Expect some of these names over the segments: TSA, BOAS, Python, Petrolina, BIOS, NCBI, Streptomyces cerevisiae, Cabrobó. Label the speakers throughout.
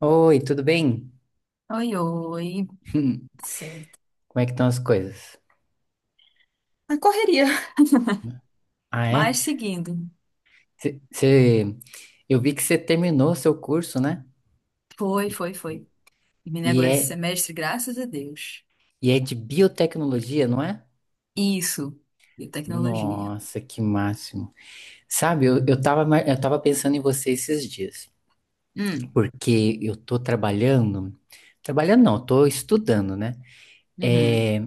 Speaker 1: Oi, tudo bem?
Speaker 2: Oi, oi,
Speaker 1: Como
Speaker 2: certo.
Speaker 1: é que estão as coisas?
Speaker 2: Na correria.
Speaker 1: Ah, é?
Speaker 2: Mas seguindo,
Speaker 1: Cê, cê- eu vi que você terminou seu curso, né?
Speaker 2: foi, foi, foi. Terminei
Speaker 1: E
Speaker 2: agora esse
Speaker 1: é,
Speaker 2: semestre, graças a Deus.
Speaker 1: e é de biotecnologia, não é?
Speaker 2: Isso, biotecnologia.
Speaker 1: Nossa, que máximo. Sabe, eu tava, eu tava pensando em você esses dias,
Speaker 2: Hum,
Speaker 1: porque eu tô trabalhando, trabalhando não, eu tô estudando, né?
Speaker 2: uhum.
Speaker 1: É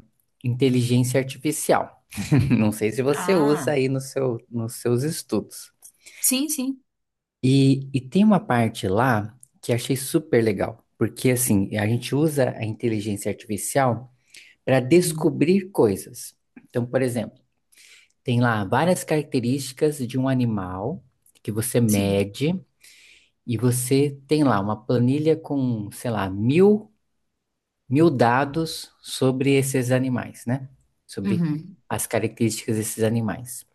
Speaker 1: inteligência artificial. Não sei se você usa
Speaker 2: Ah,
Speaker 1: aí no seu, nos seus estudos.
Speaker 2: sim, sim.
Speaker 1: E tem uma parte lá que achei super legal, porque assim, a gente usa a inteligência artificial para
Speaker 2: Uhum,
Speaker 1: descobrir coisas. Então, por exemplo, tem lá várias características de um animal que você
Speaker 2: sim.
Speaker 1: mede e você tem lá uma planilha com, sei lá, mil dados sobre esses animais, né? Sobre
Speaker 2: Uhum.
Speaker 1: as características desses animais.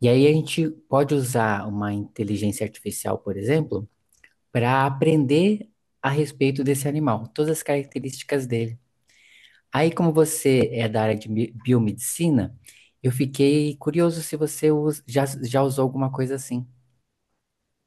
Speaker 1: E aí a gente pode usar uma inteligência artificial, por exemplo, para aprender a respeito desse animal, todas as características dele. Aí, como você é da área de biomedicina, eu fiquei curioso se você já usou alguma coisa assim.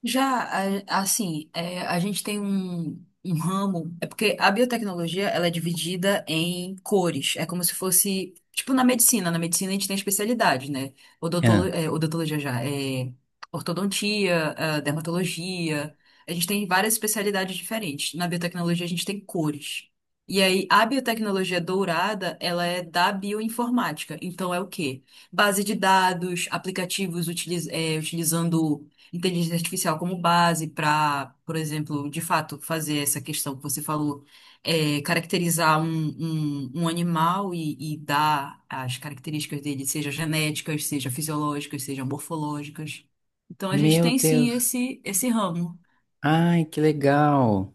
Speaker 2: Já, assim, a gente tem um ramo. É porque a biotecnologia ela é dividida em cores. É como se fosse. Tipo na medicina. Na medicina a gente tem especialidade, né? Odontolo,
Speaker 1: Ah.
Speaker 2: é, odontologia já. Ortodontia, dermatologia. A gente tem várias especialidades diferentes. Na biotecnologia a gente tem cores. E aí, a biotecnologia dourada, ela é da bioinformática. Então, é o quê? Base de dados, aplicativos utilizando inteligência artificial como base para, por exemplo, de fato, fazer essa questão que você falou, é, caracterizar um animal e dar as características dele, seja genéticas, seja fisiológicas, seja morfológicas. Então, a gente
Speaker 1: Meu
Speaker 2: tem sim
Speaker 1: Deus.
Speaker 2: esse ramo.
Speaker 1: Ai, que legal.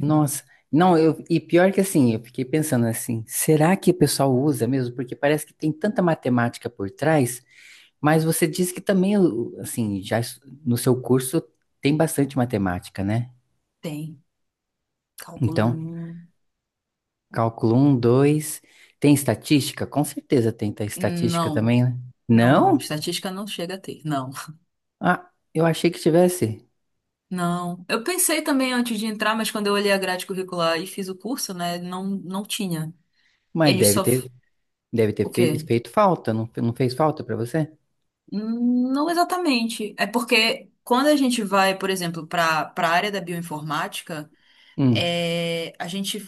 Speaker 1: Nossa. Não, eu, e pior que assim, eu fiquei pensando assim, será que o pessoal usa mesmo? Porque parece que tem tanta matemática por trás, mas você diz que também, assim, no seu curso tem bastante matemática, né?
Speaker 2: Tem. Cálculo
Speaker 1: Então,
Speaker 2: 1.
Speaker 1: Cálculo um, 2. Tem estatística? Com certeza tem estatística
Speaker 2: Não.
Speaker 1: também, né?
Speaker 2: Não, não.
Speaker 1: Não?
Speaker 2: Estatística não chega a ter. Não.
Speaker 1: Ah, eu achei que tivesse.
Speaker 2: Não. Eu pensei também antes de entrar, mas quando eu olhei a grade curricular e fiz o curso, né, não tinha.
Speaker 1: Mas
Speaker 2: Eles só.
Speaker 1: deve
Speaker 2: O
Speaker 1: ter
Speaker 2: quê?
Speaker 1: feito falta. Não, não fez falta pra você?
Speaker 2: Não exatamente. É porque quando a gente vai, por exemplo, para a área da bioinformática,
Speaker 1: Hum.
Speaker 2: é, a gente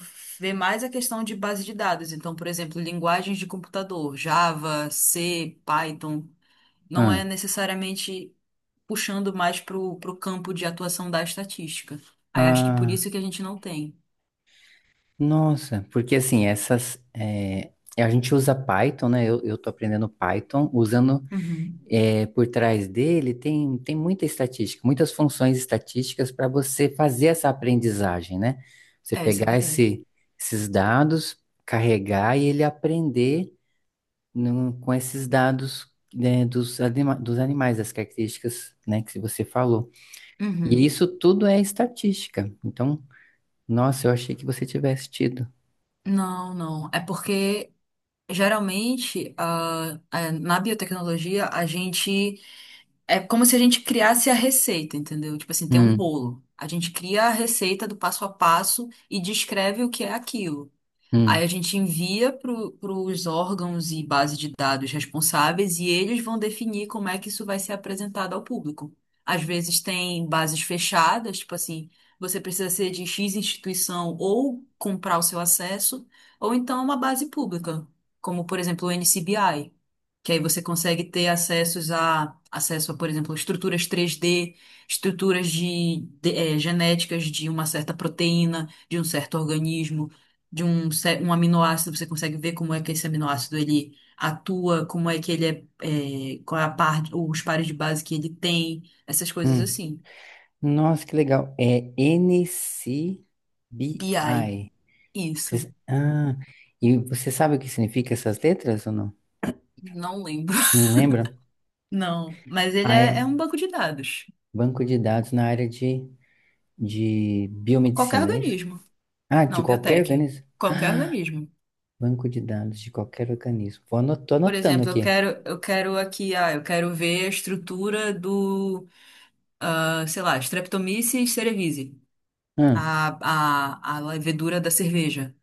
Speaker 2: vê mais a questão de base de dados. Então, por exemplo, linguagens de computador, Java, C, Python, não é
Speaker 1: Ah,
Speaker 2: necessariamente puxando mais para o campo de atuação da estatística. Aí acho que por
Speaker 1: ah,
Speaker 2: isso que a gente não tem.
Speaker 1: nossa. Porque assim, essas. É, a gente usa Python, né? Eu tô aprendendo Python usando
Speaker 2: Uhum.
Speaker 1: é, por trás dele tem, tem muita estatística, muitas funções estatísticas para você fazer essa aprendizagem, né? Você
Speaker 2: É, isso é
Speaker 1: pegar
Speaker 2: verdade.
Speaker 1: esses dados, carregar e ele aprender com esses dados, né, dos animais, das características, né, que você falou. E
Speaker 2: Uhum.
Speaker 1: isso tudo é estatística. Então, nossa, eu achei que você tivesse tido.
Speaker 2: Não, não. É porque geralmente na biotecnologia a gente. É como se a gente criasse a receita, entendeu? Tipo assim, tem um
Speaker 1: Hum,
Speaker 2: bolo. A gente cria a receita do passo a passo e descreve o que é aquilo.
Speaker 1: hum,
Speaker 2: Aí a gente envia para os órgãos e base de dados responsáveis e eles vão definir como é que isso vai ser apresentado ao público. Às vezes tem bases fechadas, tipo assim, você precisa ser de X instituição ou comprar o seu acesso, ou então uma base pública, como por exemplo o NCBI, que aí você consegue ter acessos a acesso a, por exemplo, estruturas 3D, estruturas genéticas de uma certa proteína, de um certo organismo de um aminoácido, você consegue ver como é que esse aminoácido ele atua, como é que ele é, qual é a parte, os pares de base que ele tem, essas coisas
Speaker 1: hum.
Speaker 2: assim.
Speaker 1: Nossa, que legal. É
Speaker 2: BI,
Speaker 1: NCBI.
Speaker 2: isso.
Speaker 1: Ah, e você sabe o que significa essas letras ou não?
Speaker 2: Não lembro.
Speaker 1: Não lembra?
Speaker 2: Não, mas ele
Speaker 1: Ah,
Speaker 2: é um
Speaker 1: é
Speaker 2: banco de dados.
Speaker 1: banco de dados na área de
Speaker 2: Qualquer
Speaker 1: biomedicina, é isso?
Speaker 2: organismo.
Speaker 1: Ah, de
Speaker 2: Não,
Speaker 1: qualquer
Speaker 2: biotech.
Speaker 1: organismo?
Speaker 2: Qualquer organismo.
Speaker 1: Banco de dados de qualquer organismo. Vou tô
Speaker 2: Por
Speaker 1: anotando
Speaker 2: exemplo,
Speaker 1: aqui.
Speaker 2: eu quero ver a estrutura do, ah, sei lá, Streptomyces cerevisiae,
Speaker 1: Hum,
Speaker 2: a levedura da cerveja.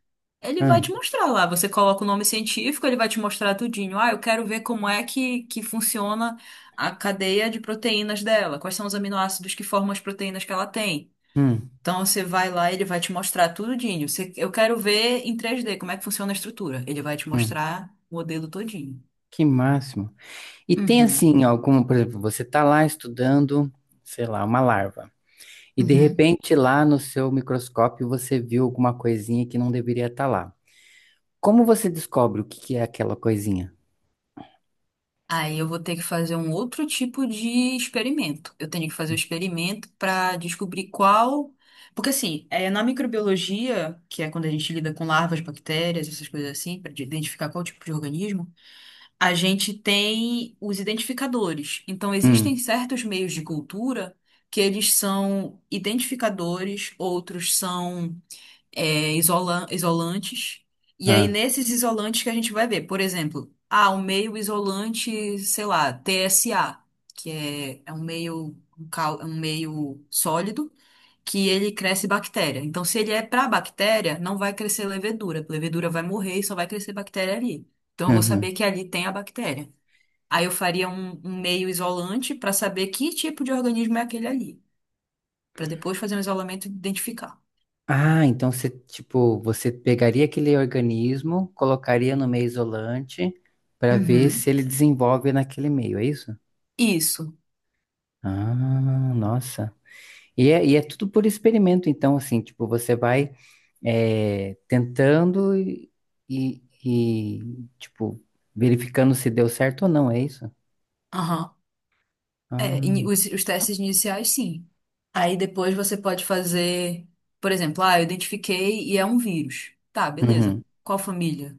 Speaker 2: Ele vai
Speaker 1: hum,
Speaker 2: te mostrar lá. Você coloca o nome científico, ele vai te mostrar tudinho. Ah, eu quero ver como é que funciona a cadeia de proteínas dela. Quais são os aminoácidos que formam as proteínas que ela tem.
Speaker 1: hum,
Speaker 2: Então você vai lá, ele vai te mostrar tudinho. Eu quero ver em 3D como é que funciona a estrutura. Ele vai te
Speaker 1: hum.
Speaker 2: mostrar o modelo todinho.
Speaker 1: Que máximo. E tem
Speaker 2: Uhum,
Speaker 1: assim, algum, por exemplo, você tá lá estudando, sei lá, uma larva. E de
Speaker 2: uhum.
Speaker 1: repente lá no seu microscópio você viu alguma coisinha que não deveria estar lá. Como você descobre o que que é aquela coisinha?
Speaker 2: Aí eu vou ter que fazer um outro tipo de experimento. Eu tenho que fazer o experimento para descobrir qual. Porque, assim, é, na microbiologia, que é quando a gente lida com larvas, bactérias, essas coisas assim, para identificar qual tipo de organismo, a gente tem os identificadores. Então, existem
Speaker 1: Hum,
Speaker 2: certos meios de cultura que eles são identificadores, outros são isolantes. E aí,
Speaker 1: ah,
Speaker 2: nesses isolantes que a gente vai ver, por exemplo, ah, um meio isolante, sei lá, TSA, que é um meio sólido que ele cresce bactéria. Então, se ele é para bactéria, não vai crescer levedura. Levedura vai morrer e só vai crescer bactéria ali. Então, eu vou
Speaker 1: uhum.
Speaker 2: saber que ali tem a bactéria. Aí eu faria um meio isolante para saber que tipo de organismo é aquele ali, para depois fazer um isolamento e identificar.
Speaker 1: Ah, então você, tipo, você pegaria aquele organismo, colocaria no meio isolante para ver se
Speaker 2: Uhum.
Speaker 1: ele desenvolve naquele meio, é isso?
Speaker 2: Isso.
Speaker 1: Ah, nossa. E é tudo por experimento, então, assim, tipo, você vai é, tentando e, tipo, verificando se deu certo ou não, é isso?
Speaker 2: É,
Speaker 1: Ah,
Speaker 2: os testes iniciais, sim. Aí depois você pode fazer, por exemplo, ah, eu identifiquei e é um vírus. Tá, beleza.
Speaker 1: uhum,
Speaker 2: Qual família?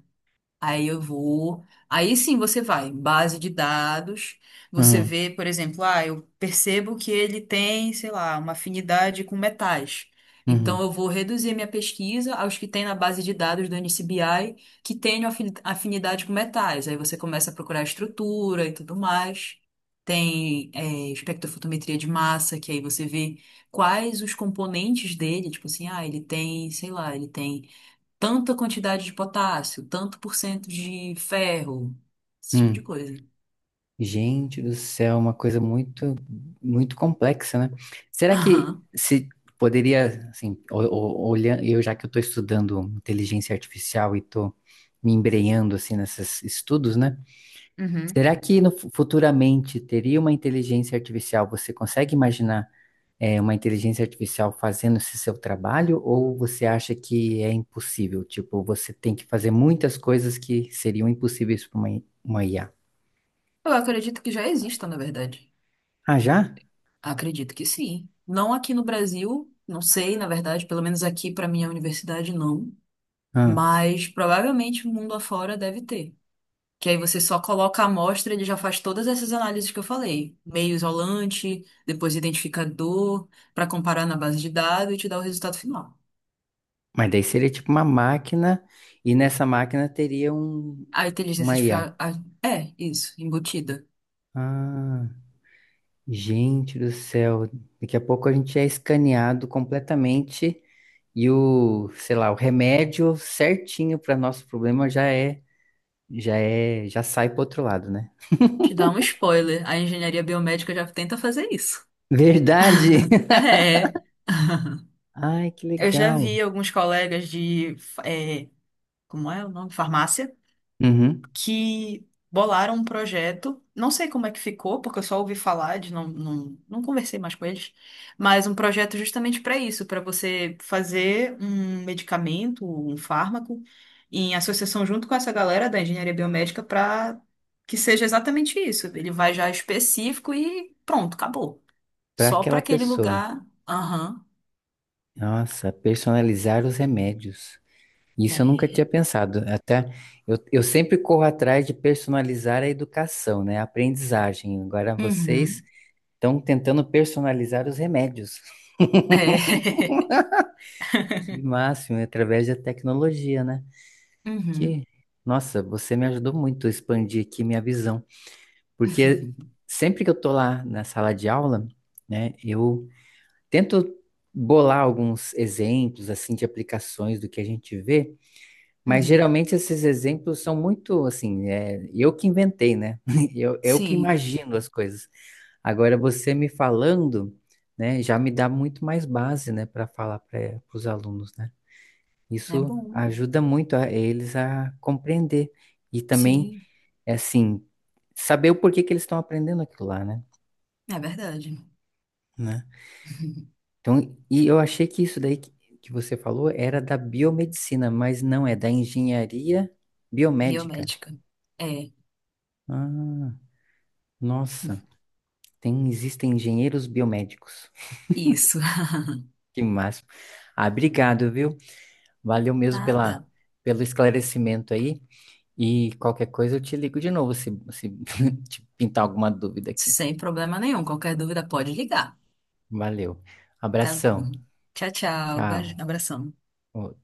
Speaker 2: Aí eu vou. Aí sim você vai, base de dados. Você
Speaker 1: uhum,
Speaker 2: vê, por exemplo, ah, eu percebo que ele tem, sei lá, uma afinidade com metais. Então
Speaker 1: uhum,
Speaker 2: eu vou reduzir minha pesquisa aos que tem na base de dados do NCBI que tenham afinidade com metais. Aí você começa a procurar estrutura e tudo mais. Tem, é, espectrofotometria de massa, que aí você vê quais os componentes dele, tipo assim, ah, ele tem, sei lá, ele tem tanta quantidade de potássio, tanto por cento de ferro, esse tipo de
Speaker 1: uhum.
Speaker 2: coisa.
Speaker 1: Gente do céu, uma coisa muito complexa, né? Será que
Speaker 2: Aham.
Speaker 1: se poderia, assim, olhando, eu já que eu estou estudando inteligência artificial e estou me embrenhando assim nesses estudos, né?
Speaker 2: Uhum.
Speaker 1: Será que no, futuramente teria uma inteligência artificial? Você consegue imaginar é, uma inteligência artificial fazendo esse seu trabalho ou você acha que é impossível? Tipo, você tem que fazer muitas coisas que seriam impossíveis para uma, uma IA.
Speaker 2: Eu acredito que já existam, na verdade.
Speaker 1: Ah, já?
Speaker 2: Acredito que sim. Não aqui no Brasil, não sei, na verdade, pelo menos aqui para minha universidade não, mas provavelmente o mundo afora deve ter. Que aí você só coloca a amostra, ele já faz todas essas análises que eu falei, meio isolante, depois identificador, para comparar na base de dados e te dar o resultado final.
Speaker 1: Mas daí seria tipo uma máquina, e nessa máquina teria um,
Speaker 2: A inteligência
Speaker 1: uma IA.
Speaker 2: artificial. É, isso, embutida.
Speaker 1: Ah, gente do céu. Daqui a pouco a gente é escaneado completamente e o, sei lá, o remédio certinho para nosso problema já é, já sai pro outro lado, né?
Speaker 2: Te dá um spoiler. A engenharia biomédica já tenta fazer isso.
Speaker 1: Verdade!
Speaker 2: É.
Speaker 1: Ai, que
Speaker 2: Eu já
Speaker 1: legal.
Speaker 2: vi alguns colegas de. Como é o nome? Farmácia.
Speaker 1: Uhum.
Speaker 2: Que bolaram um projeto. Não sei como é que ficou, porque eu só ouvi falar de não não conversei mais com eles, mas um projeto justamente para isso, para você fazer um medicamento, um fármaco, em associação junto com essa galera da engenharia biomédica para que seja exatamente isso. Ele vai já específico e pronto, acabou.
Speaker 1: Para
Speaker 2: Só para
Speaker 1: aquela
Speaker 2: aquele
Speaker 1: pessoa.
Speaker 2: lugar. Aham.
Speaker 1: Nossa, personalizar os remédios. Isso eu nunca tinha
Speaker 2: É.
Speaker 1: pensado. Até eu sempre corro atrás de personalizar a educação, né? A aprendizagem. Agora vocês
Speaker 2: Uhum.
Speaker 1: estão tentando personalizar os remédios.
Speaker 2: É.
Speaker 1: Que máximo, através da tecnologia, né?
Speaker 2: Uhum.
Speaker 1: Que, nossa, você me ajudou muito a expandir aqui minha visão. Porque sempre que eu tô lá na sala de aula, né, eu tento bolar alguns exemplos assim de aplicações do que a gente vê. Mas
Speaker 2: Uhum.
Speaker 1: geralmente esses exemplos são muito assim, é, eu que inventei, né? Eu que
Speaker 2: Sim,
Speaker 1: imagino as coisas. Agora você me falando, né, já me dá muito mais base, né, para falar para os alunos, né?
Speaker 2: é
Speaker 1: Isso
Speaker 2: bom.
Speaker 1: ajuda muito a eles a compreender e também,
Speaker 2: Sim.
Speaker 1: é assim, saber o porquê que eles estão aprendendo aquilo lá, né?
Speaker 2: É verdade.
Speaker 1: Né? Então, e eu achei que isso daí que você falou era da biomedicina, mas não é da engenharia biomédica.
Speaker 2: Biomédica. É,
Speaker 1: Ah, nossa. Tem, existem engenheiros biomédicos.
Speaker 2: isso.
Speaker 1: Que máximo. Ah, obrigado, viu? Valeu mesmo pela,
Speaker 2: Nada.
Speaker 1: pelo esclarecimento aí. E qualquer coisa eu te ligo de novo se, se te pintar alguma dúvida aqui.
Speaker 2: Sem problema nenhum. Qualquer dúvida pode ligar.
Speaker 1: Valeu.
Speaker 2: Tá
Speaker 1: Abração.
Speaker 2: bom. Tchau, tchau. Beijo,
Speaker 1: Tchau.
Speaker 2: Abração.
Speaker 1: Ô,